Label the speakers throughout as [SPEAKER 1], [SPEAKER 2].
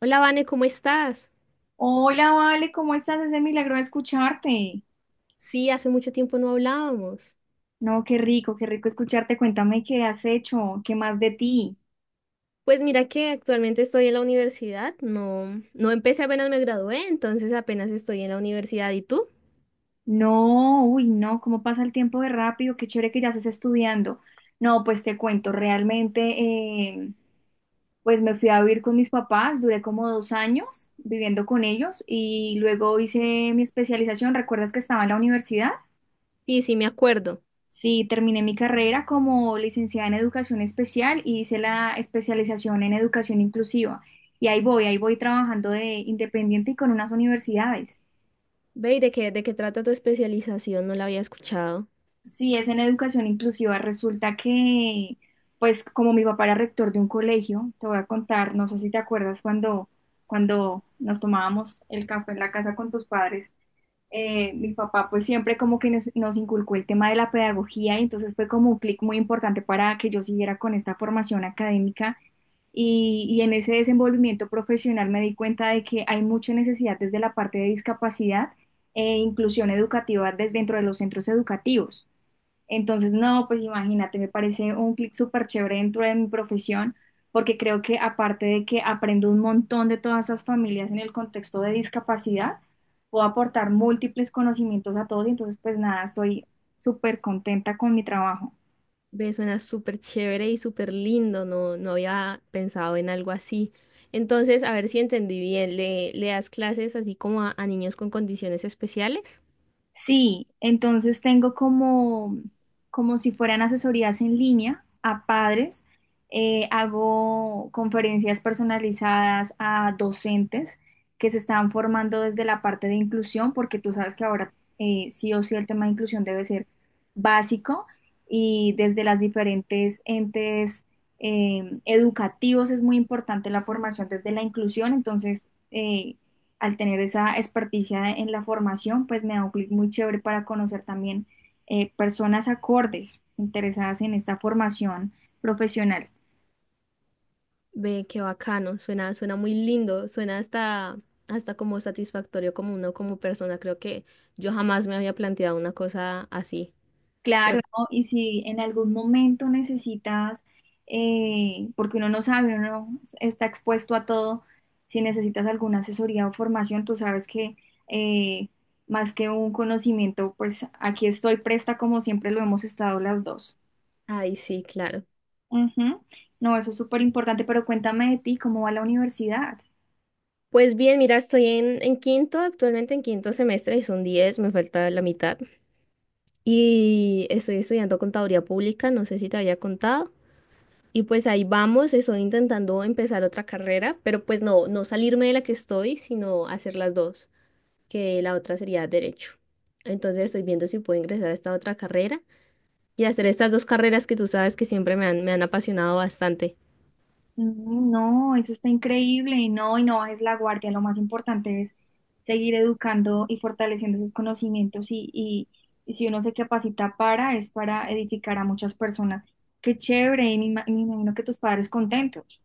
[SPEAKER 1] Hola, Vane, ¿cómo estás?
[SPEAKER 2] Hola, Vale, ¿cómo estás? Es de milagro escucharte.
[SPEAKER 1] Sí, hace mucho tiempo no hablábamos.
[SPEAKER 2] No, qué rico escucharte. Cuéntame qué has hecho, qué más de ti.
[SPEAKER 1] Pues mira que actualmente estoy en la universidad, no, no empecé apenas me gradué, entonces apenas estoy en la universidad. ¿Y tú?
[SPEAKER 2] No, uy, no, cómo pasa el tiempo de rápido, qué chévere que ya estés estudiando. No, pues te cuento, realmente, eh, pues me fui a vivir con mis papás, duré como 2 años viviendo con ellos y luego hice mi especialización. ¿Recuerdas que estaba en la universidad?
[SPEAKER 1] Sí, sí, me acuerdo.
[SPEAKER 2] Sí, terminé mi carrera como licenciada en educación especial y hice la especialización en educación inclusiva. Y ahí voy trabajando de independiente y con unas universidades.
[SPEAKER 1] Ve, ¿y de qué trata tu especialización? No la había escuchado.
[SPEAKER 2] Sí, es en educación inclusiva. Resulta que, pues como mi papá era rector de un colegio, te voy a contar, no sé si te acuerdas cuando, cuando nos tomábamos el café en la casa con tus padres. Mi papá pues siempre como que nos, nos inculcó el tema de la pedagogía y entonces fue como un clic muy importante para que yo siguiera con esta formación académica y en ese desenvolvimiento profesional me di cuenta de que hay mucha necesidad desde la parte de discapacidad e inclusión educativa desde dentro de los centros educativos. Entonces, no, pues imagínate, me parece un clic súper chévere dentro de mi profesión, porque creo que aparte de que aprendo un montón de todas esas familias en el contexto de discapacidad, puedo aportar múltiples conocimientos a todos y entonces, pues nada, estoy súper contenta con mi trabajo.
[SPEAKER 1] Ve, suena súper chévere y súper lindo, no, no había pensado en algo así. Entonces, a ver si entendí bien, ¿le das clases así como a niños con condiciones especiales?
[SPEAKER 2] Sí, entonces tengo como, como si fueran asesorías en línea a padres, hago conferencias personalizadas a docentes que se están formando desde la parte de inclusión, porque tú sabes que ahora sí o sí el tema de inclusión debe ser básico y desde las diferentes entes educativos es muy importante la formación desde la inclusión, entonces, al tener esa experticia en la formación, pues me da un clic muy chévere para conocer también personas acordes interesadas en esta formación profesional.
[SPEAKER 1] Ve, qué bacano, suena, suena muy lindo, suena hasta, hasta como satisfactorio como uno como persona. Creo que yo jamás me había planteado una cosa así. Pero,
[SPEAKER 2] Claro, ¿no? Y si en algún momento necesitas, porque uno no sabe, uno está expuesto a todo, si necesitas alguna asesoría o formación, tú sabes que eh, más que un conocimiento, pues aquí estoy presta como siempre lo hemos estado las dos.
[SPEAKER 1] ay, sí, claro.
[SPEAKER 2] Ujú. No, eso es súper importante, pero cuéntame de ti, ¿cómo va la universidad?
[SPEAKER 1] Pues bien, mira, estoy en quinto, actualmente en quinto semestre y son 10, me falta la mitad. Y estoy estudiando contaduría pública, no sé si te había contado. Y pues ahí vamos, estoy intentando empezar otra carrera, pero pues no, no salirme de la que estoy, sino hacer las dos, que la otra sería derecho. Entonces estoy viendo si puedo ingresar a esta otra carrera y hacer estas dos carreras que tú sabes que siempre me han apasionado bastante.
[SPEAKER 2] Mm, no, eso está increíble, no, y no bajes la guardia, lo más importante es seguir educando y fortaleciendo sus conocimientos y si uno se capacita para, es para edificar a muchas personas. Qué chévere, y me imagino que tus padres contentos.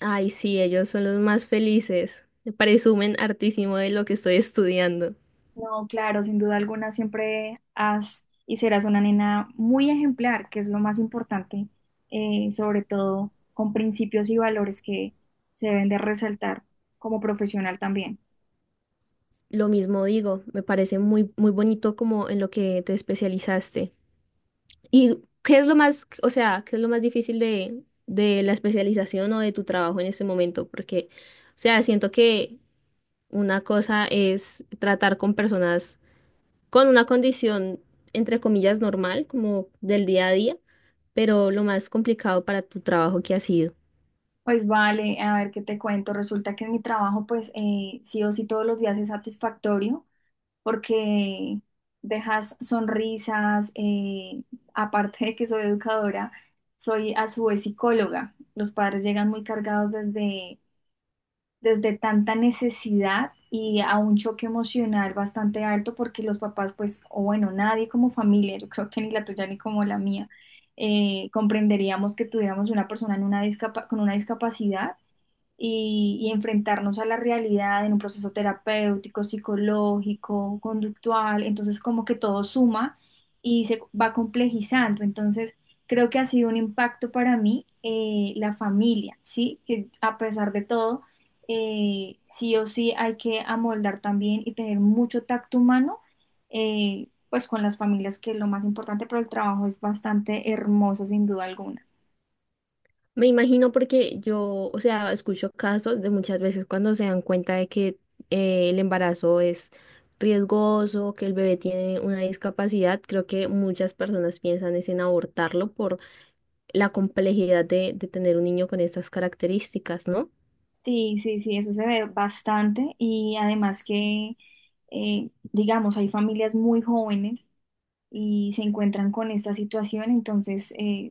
[SPEAKER 1] Ay, sí, ellos son los más felices. Presumen hartísimo de lo que estoy estudiando.
[SPEAKER 2] No, claro, sin duda alguna siempre has y serás una nena muy ejemplar, que es lo más importante, sobre todo con principios y valores que se deben de resaltar como profesional también.
[SPEAKER 1] Lo mismo digo, me parece muy, muy bonito como en lo que te especializaste. ¿Y qué es lo más, o sea, qué es lo más difícil de la especialización o de tu trabajo en este momento? Porque, o sea, siento que una cosa es tratar con personas con una condición, entre comillas, normal, como del día a día, pero lo más complicado para tu trabajo que ha sido.
[SPEAKER 2] Pues vale, a ver qué te cuento. Resulta que en mi trabajo, sí o sí todos los días es satisfactorio porque dejas sonrisas, aparte de que soy educadora, soy a su vez psicóloga. Los padres llegan muy cargados desde tanta necesidad y a un choque emocional bastante alto porque los papás, pues, o bueno, nadie como familia, yo creo que ni la tuya ni como la mía, comprenderíamos que tuviéramos una persona en una con una discapacidad y enfrentarnos a la realidad en un proceso terapéutico, psicológico, conductual, entonces como que todo suma y se va complejizando, entonces creo que ha sido un impacto para mí la familia, ¿sí? Que a pesar de todo, sí o sí hay que amoldar también y tener mucho tacto humano, pues con las familias, que es lo más importante, pero el trabajo es bastante hermoso sin duda alguna.
[SPEAKER 1] Me imagino porque yo, o sea, escucho casos de muchas veces cuando se dan cuenta de que el embarazo es riesgoso, que el bebé tiene una discapacidad, creo que muchas personas piensan es en abortarlo por la complejidad de tener un niño con estas características, ¿no?
[SPEAKER 2] Sí, sí, sí, eso se ve bastante y además que, digamos, hay familias muy jóvenes y se encuentran con esta situación, entonces,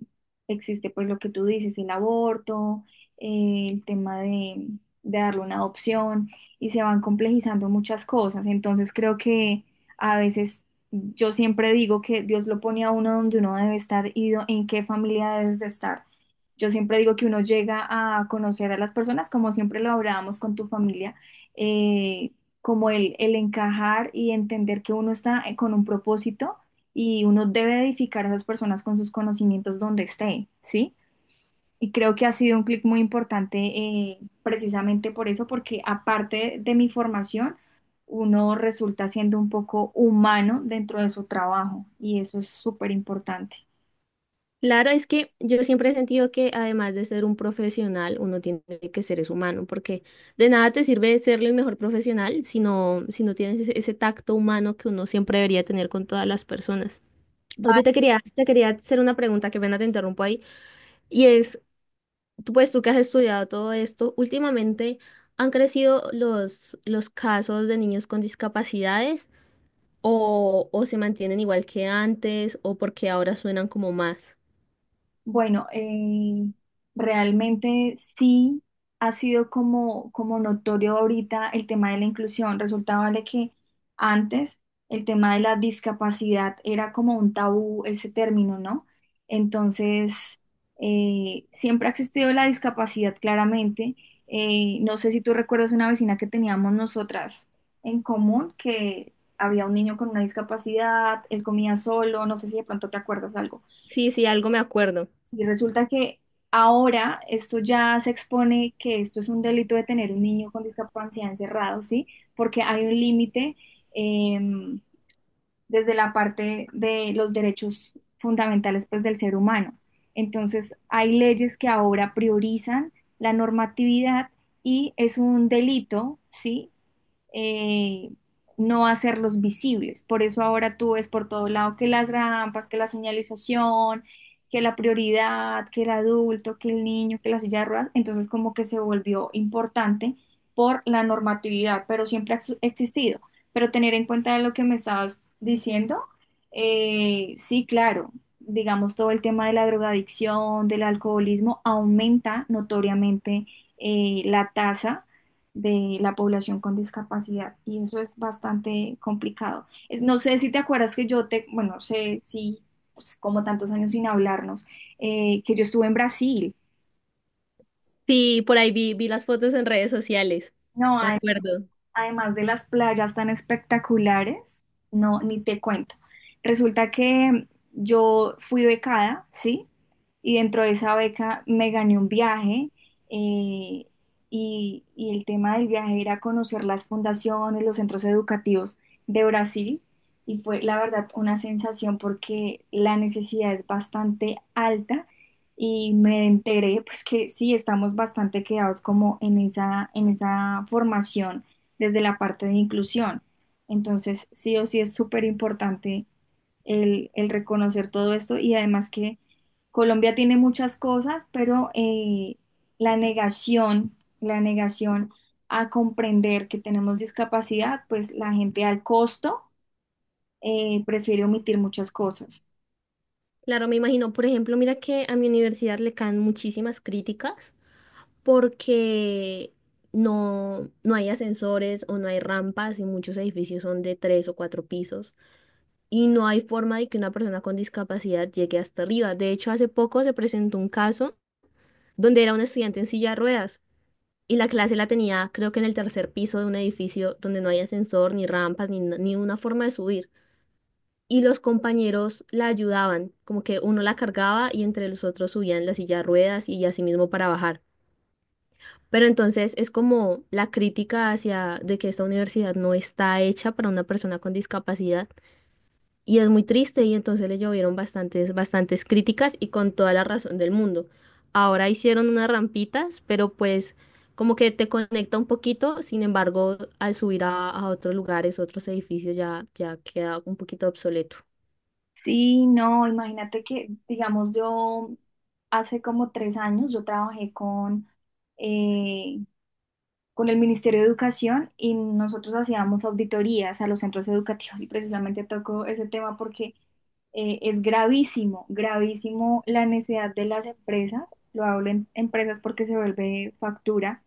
[SPEAKER 2] existe pues lo que tú dices, el aborto, el tema de darle una adopción y se van complejizando muchas cosas. Entonces creo que a veces yo siempre digo que Dios lo pone a uno donde uno debe estar y en qué familia debes de estar. Yo siempre digo que uno llega a conocer a las personas, como siempre lo hablábamos con tu familia, eh, como el encajar y entender que uno está con un propósito y uno debe edificar a esas personas con sus conocimientos donde esté, ¿sí? Y creo que ha sido un clic muy importante precisamente por eso, porque aparte de mi formación, uno resulta siendo un poco humano dentro de su trabajo y eso es súper importante.
[SPEAKER 1] Claro, es que yo siempre he sentido que además de ser un profesional, uno tiene que ser es humano, porque de nada te sirve ser el mejor profesional si no, tienes ese, ese tacto humano que uno siempre debería tener con todas las personas. Oye, te quería hacer una pregunta, que pena te interrumpo ahí, y es, tú, pues tú que has estudiado todo esto, últimamente han crecido los casos de niños con discapacidades o se mantienen igual que antes o porque ahora suenan como más.
[SPEAKER 2] Bueno, realmente sí ha sido como, como notorio ahorita el tema de la inclusión. Resulta, vale, que antes el tema de la discapacidad era como un tabú ese término, ¿no? Entonces, siempre ha existido la discapacidad claramente. No sé si tú recuerdas una vecina que teníamos nosotras en común, que había un niño con una discapacidad, él comía solo, no sé si de pronto te acuerdas algo.
[SPEAKER 1] Sí, sí, algo me acuerdo.
[SPEAKER 2] Sí, resulta que ahora esto ya se expone que esto es un delito de tener un niño con discapacidad encerrado, ¿sí? Porque hay un límite eh, desde la parte de los derechos fundamentales, pues, del ser humano. Entonces, hay leyes que ahora priorizan la normatividad y es un delito, ¿sí? eh, no hacerlos visibles. Por eso ahora tú ves por todo lado que las rampas, que la señalización, que la prioridad, que el adulto, que el niño, que la silla de ruedas, entonces como que se volvió importante por la normatividad, pero siempre ha existido. Pero tener en cuenta lo que me estabas diciendo, sí, claro, digamos todo el tema de la drogadicción, del alcoholismo, aumenta notoriamente la tasa de la población con discapacidad y eso es bastante complicado. Es, no sé si te acuerdas que yo te, bueno, no sé si pues, como tantos años sin hablarnos, que yo estuve en Brasil.
[SPEAKER 1] Sí, por ahí vi las fotos en redes sociales.
[SPEAKER 2] No,
[SPEAKER 1] De acuerdo.
[SPEAKER 2] además de las playas tan espectaculares, no, ni te cuento. Resulta que yo fui becada, ¿sí? Y dentro de esa beca me gané un viaje eh, y el tema del viaje era conocer las fundaciones, los centros educativos de Brasil y fue la verdad una sensación porque la necesidad es bastante alta y me enteré pues que sí, estamos bastante quedados como en esa formación desde la parte de inclusión. Entonces, sí o sí es súper importante el reconocer todo esto y además que Colombia tiene muchas cosas, pero la negación a comprender que tenemos discapacidad, pues la gente al costo prefiere omitir muchas cosas.
[SPEAKER 1] Claro, me imagino, por ejemplo, mira que a mi universidad le caen muchísimas críticas porque no, no hay ascensores o no hay rampas y muchos edificios son de tres o cuatro pisos y no hay forma de que una persona con discapacidad llegue hasta arriba. De hecho, hace poco se presentó un caso donde era un estudiante en silla de ruedas y la clase la tenía creo que en el tercer piso de un edificio donde no hay ascensor, ni rampas, ni una forma de subir, y los compañeros la ayudaban, como que uno la cargaba y entre los otros subían la silla de ruedas y así mismo para bajar. Pero entonces es como la crítica hacia de que esta universidad no está hecha para una persona con discapacidad y es muy triste y entonces le llovieron bastantes, bastantes críticas y con toda la razón del mundo. Ahora hicieron unas rampitas, pero pues como que te conecta un poquito, sin embargo, al subir a otros lugares, otros edificios, ya, ya queda un poquito obsoleto.
[SPEAKER 2] Sí, no, imagínate que, digamos, yo hace como 3 años yo trabajé eh, con el Ministerio de Educación y nosotros hacíamos auditorías a los centros educativos y precisamente toco ese tema porque es gravísimo, gravísimo la necesidad de las empresas, lo hablo en empresas porque se vuelve factura,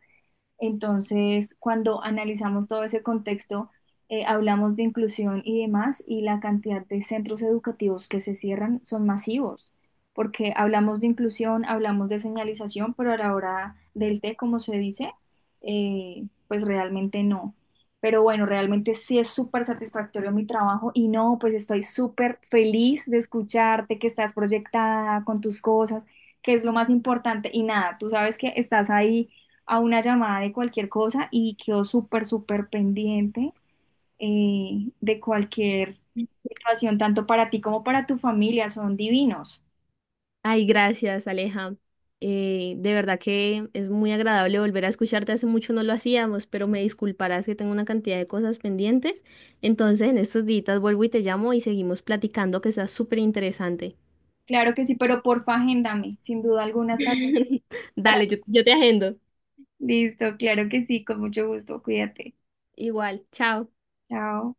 [SPEAKER 2] entonces, cuando analizamos todo ese contexto, hablamos de inclusión y demás, y la cantidad de centros educativos que se cierran son masivos, porque hablamos de inclusión, hablamos de señalización, pero a la hora del té, como se dice, pues realmente no. Pero bueno, realmente sí es súper satisfactorio mi trabajo y no, pues estoy súper feliz de escucharte, que estás proyectada con tus cosas, que es lo más importante. Y nada, tú sabes que estás ahí a una llamada de cualquier cosa y quedo súper, súper pendiente de cualquier situación, tanto para ti como para tu familia, son divinos.
[SPEAKER 1] Ay, gracias, Aleja. De verdad que es muy agradable volver a escucharte. Hace mucho no lo hacíamos, pero me disculparás que tengo una cantidad de cosas pendientes. Entonces, en estos días vuelvo y te llamo y seguimos platicando, que está súper interesante.
[SPEAKER 2] Claro que sí, pero porfa, agéndame, sin duda alguna estaré para-
[SPEAKER 1] Dale, yo te agendo.
[SPEAKER 2] Listo, claro que sí, con mucho gusto, cuídate.
[SPEAKER 1] Igual, chao.
[SPEAKER 2] Chao.